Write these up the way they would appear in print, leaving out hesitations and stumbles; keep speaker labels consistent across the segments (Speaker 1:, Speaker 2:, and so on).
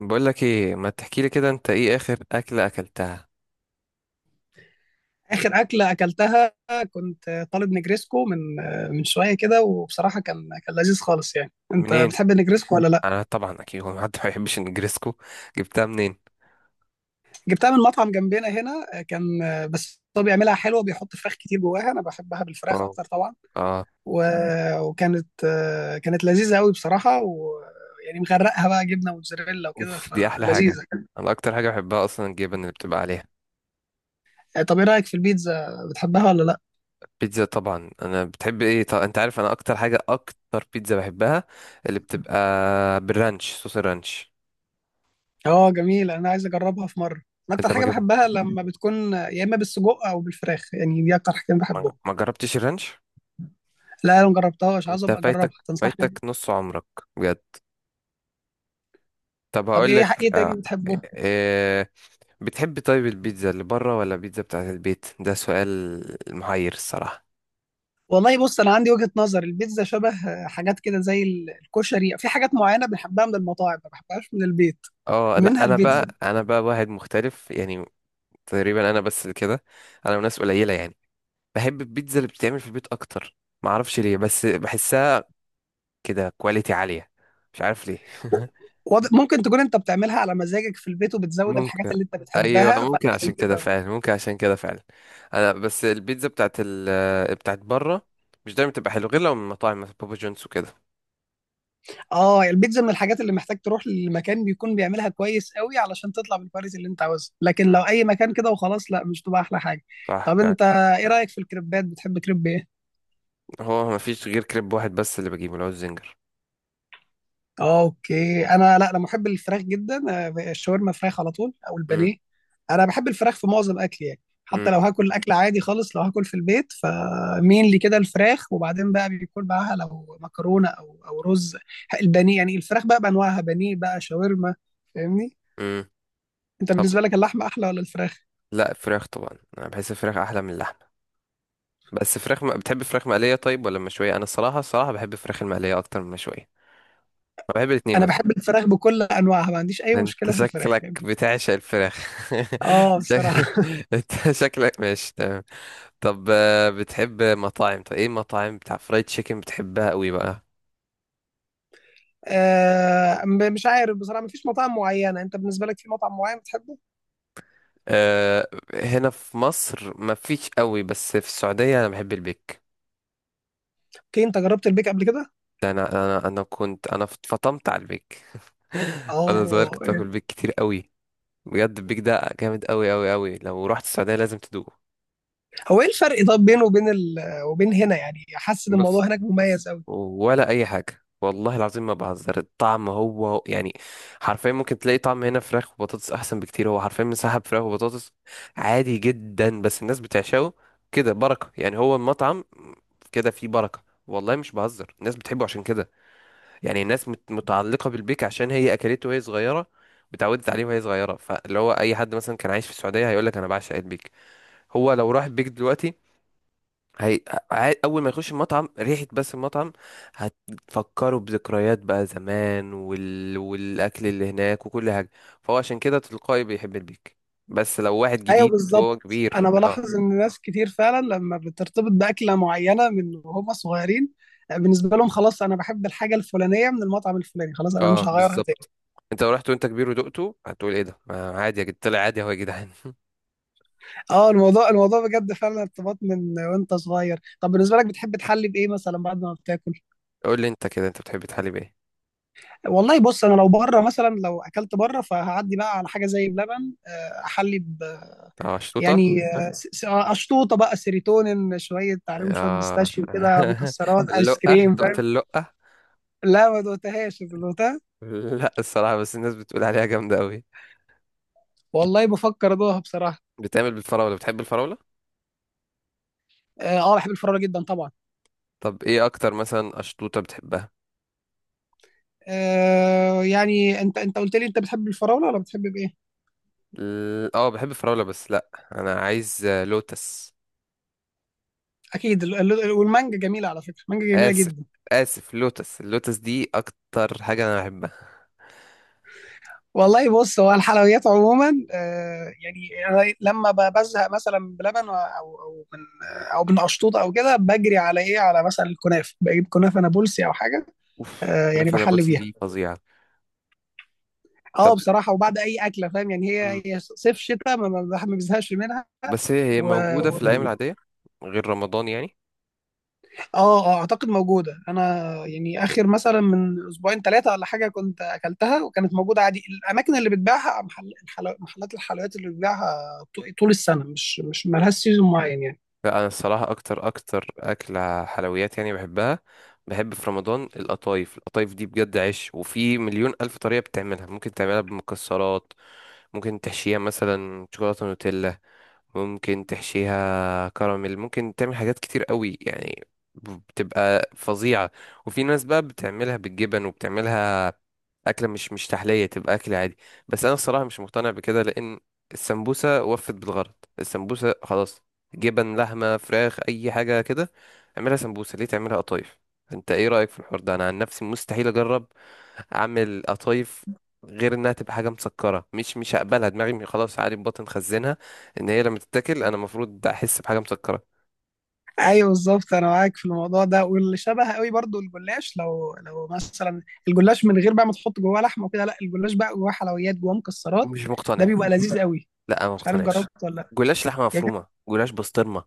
Speaker 1: بقول لك ايه، ما تحكي لي كده؟ انت ايه اخر اكله اكلتها
Speaker 2: اخر اكله اكلتها. كنت طالب نجريسكو من شويه كده، وبصراحه كان لذيذ خالص. يعني انت
Speaker 1: منين؟
Speaker 2: بتحب النجريسكو ولا لا؟
Speaker 1: انا طبعا اكيد هو حد ما يحبش النجريسكو؟ جبتها منين؟
Speaker 2: جبتها من مطعم جنبنا هنا، كان بس هو بيعملها حلوه، بيحط فراخ كتير جواها. انا بحبها بالفراخ
Speaker 1: واو.
Speaker 2: اكتر طبعا.
Speaker 1: اه.
Speaker 2: و... وكانت كانت لذيذه قوي بصراحه، يعني مغرقها بقى جبنه موتزاريلا وكده
Speaker 1: اوف، دي احلى حاجه.
Speaker 2: فلذيذه.
Speaker 1: انا اكتر حاجه بحبها اصلا الجبن اللي بتبقى عليها.
Speaker 2: طب ايه رايك في البيتزا، بتحبها ولا لا؟
Speaker 1: بيتزا طبعا. انا بتحب ايه؟ طب انت عارف انا اكتر حاجه، اكتر بيتزا بحبها اللي بتبقى بالرانش، صوص الرانش.
Speaker 2: اه جميله، انا عايز اجربها في مره. أنا اكتر
Speaker 1: انت ما
Speaker 2: حاجه
Speaker 1: جبت،
Speaker 2: بحبها لما بتكون يا اما بالسجق او بالفراخ، يعني دي اكتر حاجتين
Speaker 1: ما
Speaker 2: بحبهم.
Speaker 1: ما جربتش الرانش.
Speaker 2: لا انا ما جربتهاش، عايز
Speaker 1: انت
Speaker 2: ابقى
Speaker 1: فايتك
Speaker 2: اجربها،
Speaker 1: فايتك
Speaker 2: تنصحني؟
Speaker 1: نص عمرك. بجد. طب
Speaker 2: طب
Speaker 1: هقول لك.
Speaker 2: ايه تاني
Speaker 1: آه،
Speaker 2: بتحبه؟
Speaker 1: إيه، بتحب طيب البيتزا اللي بره ولا البيتزا بتاعت البيت؟ ده سؤال محير الصراحة.
Speaker 2: والله بص انا عندي وجهة نظر، البيتزا شبه حاجات كده زي الكشري، في حاجات معينة بنحبها من المطاعم ما بحبهاش من البيت،
Speaker 1: اه، لا،
Speaker 2: منها
Speaker 1: انا
Speaker 2: البيتزا.
Speaker 1: بقى انا بقى واحد مختلف يعني. تقريبا انا بس اللي كده. انا وناس قليلة يعني، بحب البيتزا اللي بتتعمل في البيت اكتر. معرفش ليه، بس بحسها كده كواليتي عالية. مش عارف ليه.
Speaker 2: ممكن تكون انت بتعملها على مزاجك في البيت، وبتزود الحاجات
Speaker 1: ممكن.
Speaker 2: اللي انت
Speaker 1: ايوه
Speaker 2: بتحبها،
Speaker 1: ممكن
Speaker 2: فعشان
Speaker 1: عشان كده
Speaker 2: كده.
Speaker 1: فعلا، ممكن عشان كده فعلا. انا بس البيتزا بتاعت بره مش دايما بتبقى حلوه، غير لو من مطاعم مثلا بابا جونز وكده.
Speaker 2: اه البيتزا من الحاجات اللي محتاج تروح لمكان بيكون بيعملها كويس قوي، علشان تطلع بالكواليتي اللي انت عاوزها، لكن
Speaker 1: مم.
Speaker 2: لو اي مكان كده وخلاص، لا مش تبقى احلى حاجة.
Speaker 1: صح
Speaker 2: طب
Speaker 1: فعلا.
Speaker 2: انت ايه رأيك في الكريبات، بتحب كريب ايه؟
Speaker 1: هو مفيش غير كريب واحد بس اللي بجيبه، اللي هو الزنجر.
Speaker 2: اوكي، انا لا انا محب الفراخ جدا. الشاورما فراخ على طول او
Speaker 1: مم.
Speaker 2: البانيه. انا بحب الفراخ في معظم اكلي يعني،
Speaker 1: مم.
Speaker 2: حتى لو هاكل اكل عادي خالص، لو هاكل في البيت فمين لي كده الفراخ، وبعدين بقى بيكون معاها لو مكرونه او رز. البانيه يعني الفراخ بقى بانواعها، بانيه بقى، شاورما، فاهمني؟
Speaker 1: مم.
Speaker 2: انت
Speaker 1: طب.
Speaker 2: بالنسبه لك اللحمه احلى ولا الفراخ؟
Speaker 1: لا، فراخ طبعا. انا بحس الفراخ احلى من اللحمه. بس فراخ بتحب فراخ مقليه طيب ولا مشويه؟ انا الصراحه الصراحه بحب الفراخ المقليه اكتر من المشويه. انا بحب الاثنين
Speaker 2: انا
Speaker 1: بس.
Speaker 2: بحب الفراخ بكل انواعها، ما عنديش اي
Speaker 1: انت
Speaker 2: مشكله في الفراخ
Speaker 1: شكلك
Speaker 2: يعني.
Speaker 1: بتعشق الفراخ.
Speaker 2: اه
Speaker 1: شك...
Speaker 2: بصراحه.
Speaker 1: انت شكلك ماشي تمام. طب بتحب مطاعم؟ طب ايه المطاعم بتاع فرايد تشيكن بتحبها قوي بقى؟
Speaker 2: مش عارف بصراحه، ما فيش مطاعم معينه. انت بالنسبه لك في مطعم معين بتحبه؟
Speaker 1: أه. هنا في مصر مفيش قوي، بس في السعوديه انا بحب البيك.
Speaker 2: اوكي، انت جربت البيك قبل كده؟
Speaker 1: ده انا كنت انا فطمت على البيك. وانا صغير
Speaker 2: اه
Speaker 1: كنت باكل
Speaker 2: يعني.
Speaker 1: بيك كتير قوي. بجد البيك ده جامد قوي قوي قوي. لو رحت السعوديه لازم تدوقه.
Speaker 2: هو ايه الفرق طب بينه وبين هنا؟ يعني حاسس ان
Speaker 1: بص.
Speaker 2: الموضوع هناك مميز قوي.
Speaker 1: ولا اي حاجه، والله العظيم ما بهزر. الطعم يعني حرفيا ممكن تلاقي طعم هنا فراخ وبطاطس احسن بكتير. هو حرفيا مسحب فراخ وبطاطس عادي جدا، بس الناس بتعشقه كده. بركه يعني، هو المطعم كده فيه بركه. والله مش بهزر، الناس بتحبه عشان كده. يعني الناس متعلقة بالبيك عشان هي أكلته وهي صغيرة وتعودت عليه وهي صغيرة. فاللي هو أي حد مثلا كان عايش في السعودية هيقولك أنا بعشق البيك. هو لو راح البيك دلوقتي هي... أول ما يخش المطعم، ريحة بس المطعم هتفكره بذكريات بقى زمان والأكل اللي هناك وكل حاجة. فهو عشان كده تلقائي بيحب البيك. بس لو واحد
Speaker 2: ايوه
Speaker 1: جديد وهو
Speaker 2: بالظبط،
Speaker 1: كبير.
Speaker 2: انا
Speaker 1: اه.
Speaker 2: بلاحظ ان ناس كتير فعلا لما بترتبط باكله معينه من وهم صغيرين، بالنسبه لهم خلاص انا بحب الحاجه الفلانيه من المطعم الفلاني، خلاص انا مش
Speaker 1: اه،
Speaker 2: هغيرها تاني.
Speaker 1: بالظبط. انت لو رحت وانت كبير ودقته هتقول: ايه ده؟ ما عادي يا جد، طلع عادي هو يا جدعان.
Speaker 2: اه الموضوع بجد فعلا ارتباط من وانت صغير. طب بالنسبه لك بتحب تحلي بايه مثلا بعد ما بتاكل؟
Speaker 1: قول لي انت كده، انت بتحب تحلي بايه؟
Speaker 2: والله بص انا لو بره مثلا، لو اكلت بره، فهعدي بقى على حاجه زي بلبن احلي.
Speaker 1: اه، شطوطة.
Speaker 2: يعني
Speaker 1: ها؟
Speaker 2: اشطوطه بقى، سيروتونين شويه، عليهم شويه
Speaker 1: اه.
Speaker 2: بيستاشيو كده، مكسرات، ايس
Speaker 1: اللقة،
Speaker 2: كريم،
Speaker 1: دقت
Speaker 2: فاهم.
Speaker 1: اللقة؟
Speaker 2: لا ما دوقتهاش، انت دوقتها.
Speaker 1: لا، الصراحة بس الناس بتقول عليها جامدة قوي.
Speaker 2: والله بفكر ادوقها بصراحه.
Speaker 1: بتعمل بالفراولة؟ بتحب الفراولة؟
Speaker 2: اه بحب الفراوله جدا طبعا.
Speaker 1: طب ايه اكتر مثلا اشطوطة بتحبها؟
Speaker 2: آه يعني انت قلت لي انت بتحب الفراوله ولا بتحب بايه؟
Speaker 1: اه بحب الفراولة، بس لا. انا عايز لوتس.
Speaker 2: اكيد والمانجا جميله، على فكره المانجا جميله
Speaker 1: اسف.
Speaker 2: جدا.
Speaker 1: اسف، لوتس. اللوتس دي اكتر حاجة انا بحبها.
Speaker 2: والله بص هو الحلويات عموما آه يعني، أنا لما بزهق مثلا بلبن او من او من اشطوطه او كده، بجري على ايه، على مثلا الكنافه، بجيب كنافه نابلسي او حاجه.
Speaker 1: اوف،
Speaker 2: آه يعني
Speaker 1: كنافة
Speaker 2: بحل
Speaker 1: نابلسي
Speaker 2: بيها.
Speaker 1: دي فظيعة. طب.
Speaker 2: اه بصراحه، وبعد اي اكله فاهم يعني،
Speaker 1: مم.
Speaker 2: هي صيف شتاء ما الواحد ما بزهقش منها.
Speaker 1: بس هي
Speaker 2: و...
Speaker 1: موجودة
Speaker 2: و...
Speaker 1: في الايام العادية غير رمضان يعني؟
Speaker 2: اه، اعتقد موجوده. انا يعني اخر مثلا من اسبوعين ثلاثه ولا حاجه كنت اكلتها، وكانت موجوده عادي. الاماكن اللي بتبيعها، محلات الحلويات اللي بتبيعها طول السنه، مش مالهاش سيزون معين يعني.
Speaker 1: لا، انا الصراحه اكتر اكتر اكله حلويات يعني بحبها. بحب في رمضان القطايف. القطايف دي بجد عيش، وفي مليون الف طريقه بتعملها. ممكن تعملها بمكسرات، ممكن تحشيها مثلا شوكولاته نوتيلا، ممكن تحشيها كراميل، ممكن تعمل حاجات كتير قوي يعني. بتبقى فظيعة. وفي ناس بقى بتعملها بالجبن وبتعملها أكلة مش تحلية، تبقى أكل عادي. بس أنا الصراحة مش مقتنع بكده، لأن السمبوسة وفت بالغرض. السمبوسة خلاص. جبن، لحمة، فراخ، أي حاجة كده، اعملها سمبوسة. ليه تعملها قطايف؟ أنت إيه رأيك في الحوار ده؟ أنا عن نفسي مستحيل أجرب أعمل قطايف، غير إنها تبقى حاجة مسكرة مش هقبلها دماغي خلاص. عادي، بطن خزنها، ان هي لما تتاكل انا المفروض احس بحاجه مسكره.
Speaker 2: ايوه بالظبط انا معاك في الموضوع ده، واللي شبه قوي برضو الجلاش. لو مثلا الجلاش من غير بقى ما تحط جواه لحمه وكده، لا الجلاش بقى جواه حلويات، جواه مكسرات،
Speaker 1: مش
Speaker 2: ده
Speaker 1: مقتنع.
Speaker 2: بيبقى لذيذ قوي.
Speaker 1: لا، انا ما
Speaker 2: مش عارف
Speaker 1: مقتنعش.
Speaker 2: جربت ولا لا؟
Speaker 1: جلاش لحمه
Speaker 2: يا جد-
Speaker 1: مفرومه، جلاش بسطرمه.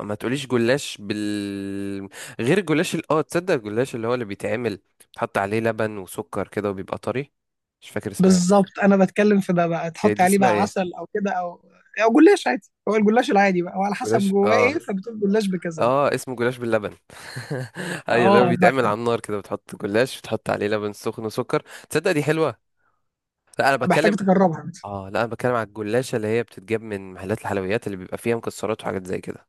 Speaker 1: ما تقوليش جلاش غير الجلاش تصدق الجلاش اللي هو اللي بيتعمل بيتحط عليه لبن وسكر كده وبيبقى طري. مش فاكر اسمها ايه.
Speaker 2: بالظبط انا بتكلم في ده. بقى
Speaker 1: هي
Speaker 2: تحط
Speaker 1: دي
Speaker 2: عليه
Speaker 1: اسمها
Speaker 2: بقى
Speaker 1: ايه؟
Speaker 2: عسل او كده، او جلاش عادي، هو الجلاش العادي بقى، وعلى
Speaker 1: جلاش،
Speaker 2: حسب جواه
Speaker 1: اه.
Speaker 2: ايه فبتقول جلاش بكذا بقى.
Speaker 1: اه، اسمه جلاش باللبن. ايوه، اللي هو
Speaker 2: اه
Speaker 1: بيتعمل على النار كده، بتحط جلاش بتحط عليه لبن سخن وسكر. تصدق دي حلوه. لا، انا
Speaker 2: فبحتاج
Speaker 1: بتكلم.
Speaker 2: تجربها.
Speaker 1: اه، لا، انا بتكلم على الجلاشة اللي هي بتتجاب من محلات الحلويات، اللي بيبقى فيها مكسرات وحاجات زي كده.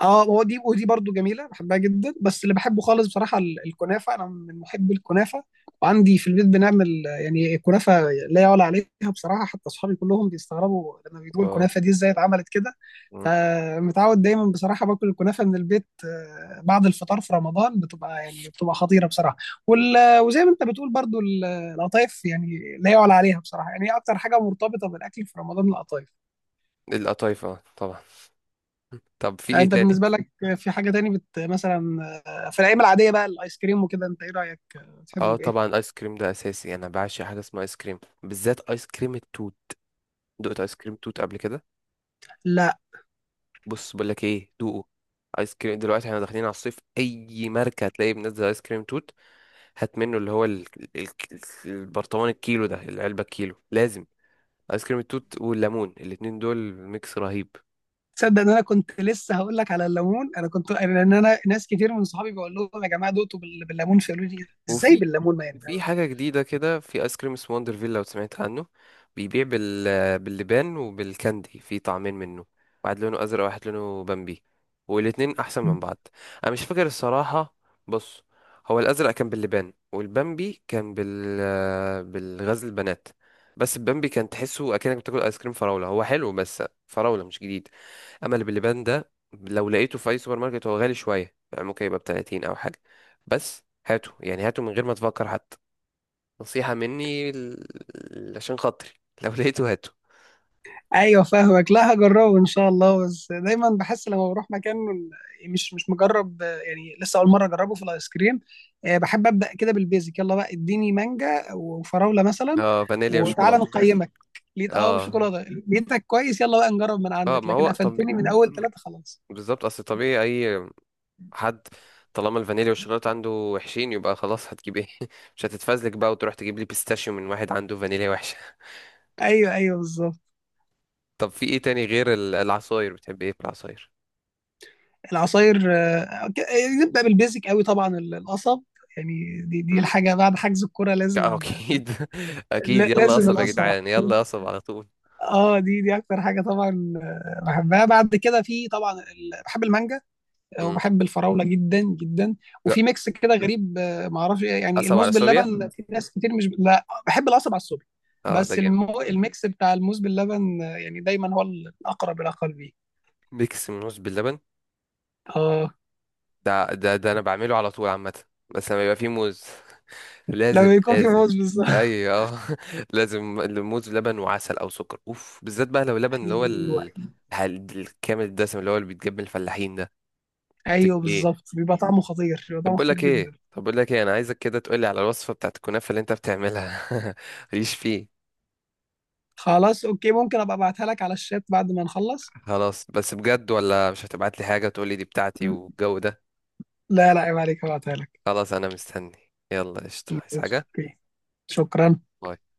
Speaker 2: اه هو دي ودي برضو جميله، بحبها جدا، بس اللي بحبه خالص بصراحه الكنافه، انا من محبي الكنافه. وعندي في البيت بنعمل يعني كنافه لا يعلى عليها بصراحه، حتى اصحابي كلهم بيستغربوا لما بيقولوا
Speaker 1: واو.
Speaker 2: الكنافه دي ازاي اتعملت كده.
Speaker 1: مم.
Speaker 2: فمتعود دايما بصراحه باكل الكنافه من البيت. بعد الفطار في رمضان بتبقى يعني خطيره بصراحه.
Speaker 1: مم.
Speaker 2: وزي ما انت بتقول برضو القطايف يعني لا يعلى عليها بصراحه، يعني هي اكتر حاجه مرتبطه بالاكل في رمضان القطايف.
Speaker 1: القطايف اه طبعا. طب في
Speaker 2: يعني
Speaker 1: ايه
Speaker 2: انت
Speaker 1: تاني؟
Speaker 2: بالنسبه لك في حاجه تاني مثلا، في الايام العاديه بقى الايس كريم وكده، انت ايه رايك، بتحب
Speaker 1: اه
Speaker 2: بايه؟
Speaker 1: طبعا، ايس كريم ده اساسي. انا بعشق حاجه اسمها ايس كريم، بالذات ايس كريم التوت. دقت ايس كريم توت قبل كده؟
Speaker 2: لا.
Speaker 1: بص بقول لك ايه، دوقه. ايس كريم دلوقتي احنا داخلين على الصيف، اي ماركه هتلاقيه منزل ايس كريم توت. هات منه اللي هو ال... البرطمان الكيلو ده، العلبه الكيلو لازم. ايس كريم التوت والليمون، الاتنين دول ميكس رهيب.
Speaker 2: تصدق ان انا كنت لسه هقول لك على الليمون؟ انا كنت لان انا ناس كتير من صحابي بقول لهم يا جماعه دقتوا بالليمون، فيقولوا لي ازاي
Speaker 1: وفي
Speaker 2: بالليمون، ما يعني.
Speaker 1: في حاجة جديدة كده، في ايس كريم اسمه وندرفيل لو سمعت عنه. بيبيع باللبان وبالكاندي، في طعمين منه. واحد لونه ازرق، واحد لونه بامبي. والاتنين احسن من بعض. انا مش فاكر الصراحة. بص، هو الازرق كان باللبان، والبامبي كان بالغزل البنات. بس البامبي كان تحسه اكنك بتاكل ايس كريم فراولة، هو حلو بس فراولة مش جديد. اما اللي باللبان ده لو لقيته في اي سوبر ماركت، هو غالي شويه يعني ممكن يبقى ب 30 او حاجه. بس هاته، يعني هاته من غير ما تفكر حتى. نصيحه مني عشان خاطري. لو لقيته هاته.
Speaker 2: ايوه فاهمك، لا هجربه ان شاء الله، بس دايما بحس لما بروح مكان مش مجرب يعني، لسه اول مره اجربه في الايس كريم. بحب ابدا كده بالبيزك، يلا بقى اديني مانجا وفراوله مثلا.
Speaker 1: اه، فانيليا
Speaker 2: وتعالى
Speaker 1: وشوكولاته، فاهم.
Speaker 2: نقيمك. لقيت اه
Speaker 1: اه،
Speaker 2: وشوكولاته، لقيتك كويس، يلا بقى نجرب من
Speaker 1: اه،
Speaker 2: عندك،
Speaker 1: ما هو
Speaker 2: لكن
Speaker 1: طبيعي.
Speaker 2: قفلتني من اول ثلاثه خلاص.
Speaker 1: بالظبط، اصل طبيعي. اي حد، طالما الفانيليا والشوكولاته عنده وحشين، يبقى خلاص هتجيب ايه؟ مش هتتفزلك بقى وتروح تجيب لي بيستاشيو من واحد عنده فانيليا وحشه.
Speaker 2: ايوه بالظبط.
Speaker 1: طب في ايه تاني؟ غير العصاير بتحب ايه في العصاير؟
Speaker 2: العصاير نبدا بالبيزك قوي طبعا القصب، يعني دي الحاجه بعد حجز الكوره لازم.
Speaker 1: اكيد. اكيد، يلا
Speaker 2: لازم
Speaker 1: قصب يا
Speaker 2: القصب.
Speaker 1: جدعان، يلا قصب على طول.
Speaker 2: اه دي اكتر حاجه طبعا بحبها. بعد كده في طبعا بحب المانجا
Speaker 1: مم.
Speaker 2: وبحب الفراوله جدا جدا.
Speaker 1: ج-
Speaker 2: وفي ميكس كده غريب، ما اعرفش يعني
Speaker 1: قصب على
Speaker 2: الموز
Speaker 1: سوبيا.
Speaker 2: باللبن. في ناس كتير مش، لا بحب القصب على الصبح،
Speaker 1: اه، ده
Speaker 2: بس
Speaker 1: جامد.
Speaker 2: الميكس بتاع الموز باللبن، يعني دايما هو الاقرب الى قلبي.
Speaker 1: ميكس من موز باللبن.
Speaker 2: اه
Speaker 1: ده انا بعمله على طول عامه. بس لما يبقى فيه موز. لازم
Speaker 2: لما يكون في
Speaker 1: لازم.
Speaker 2: موز بالظبط.
Speaker 1: ايوه آه. لازم الموز بلبن وعسل او سكر. اوف، بالذات بقى لو لبن اللي هو
Speaker 2: ايوه
Speaker 1: الكامل الدسم، اللي هو اللي بيتجاب من الفلاحين ده.
Speaker 2: ايوه
Speaker 1: ايه؟
Speaker 2: بالظبط، بيبقى طعمه خطير، بيبقى
Speaker 1: طب
Speaker 2: طعمه
Speaker 1: بقول
Speaker 2: خطير
Speaker 1: لك
Speaker 2: جدا.
Speaker 1: ايه طب بقول لك ايه انا عايزك كده تقول لي على الوصفه بتاعت الكنافه اللي انت بتعملها. ماليش فيه.
Speaker 2: خلاص اوكي، ممكن ابقى ابعتها لك على الشات بعد ما نخلص.
Speaker 1: خلاص، بس بجد ولا مش هتبعت لي حاجة تقول لي دي بتاعتي والجو ده؟
Speaker 2: لا عيب عليك، هبعتها لك.
Speaker 1: خلاص انا مستني. يلا قشطة، عايز
Speaker 2: ماشي،
Speaker 1: حاجة؟
Speaker 2: اوكي، شكرا.
Speaker 1: باي.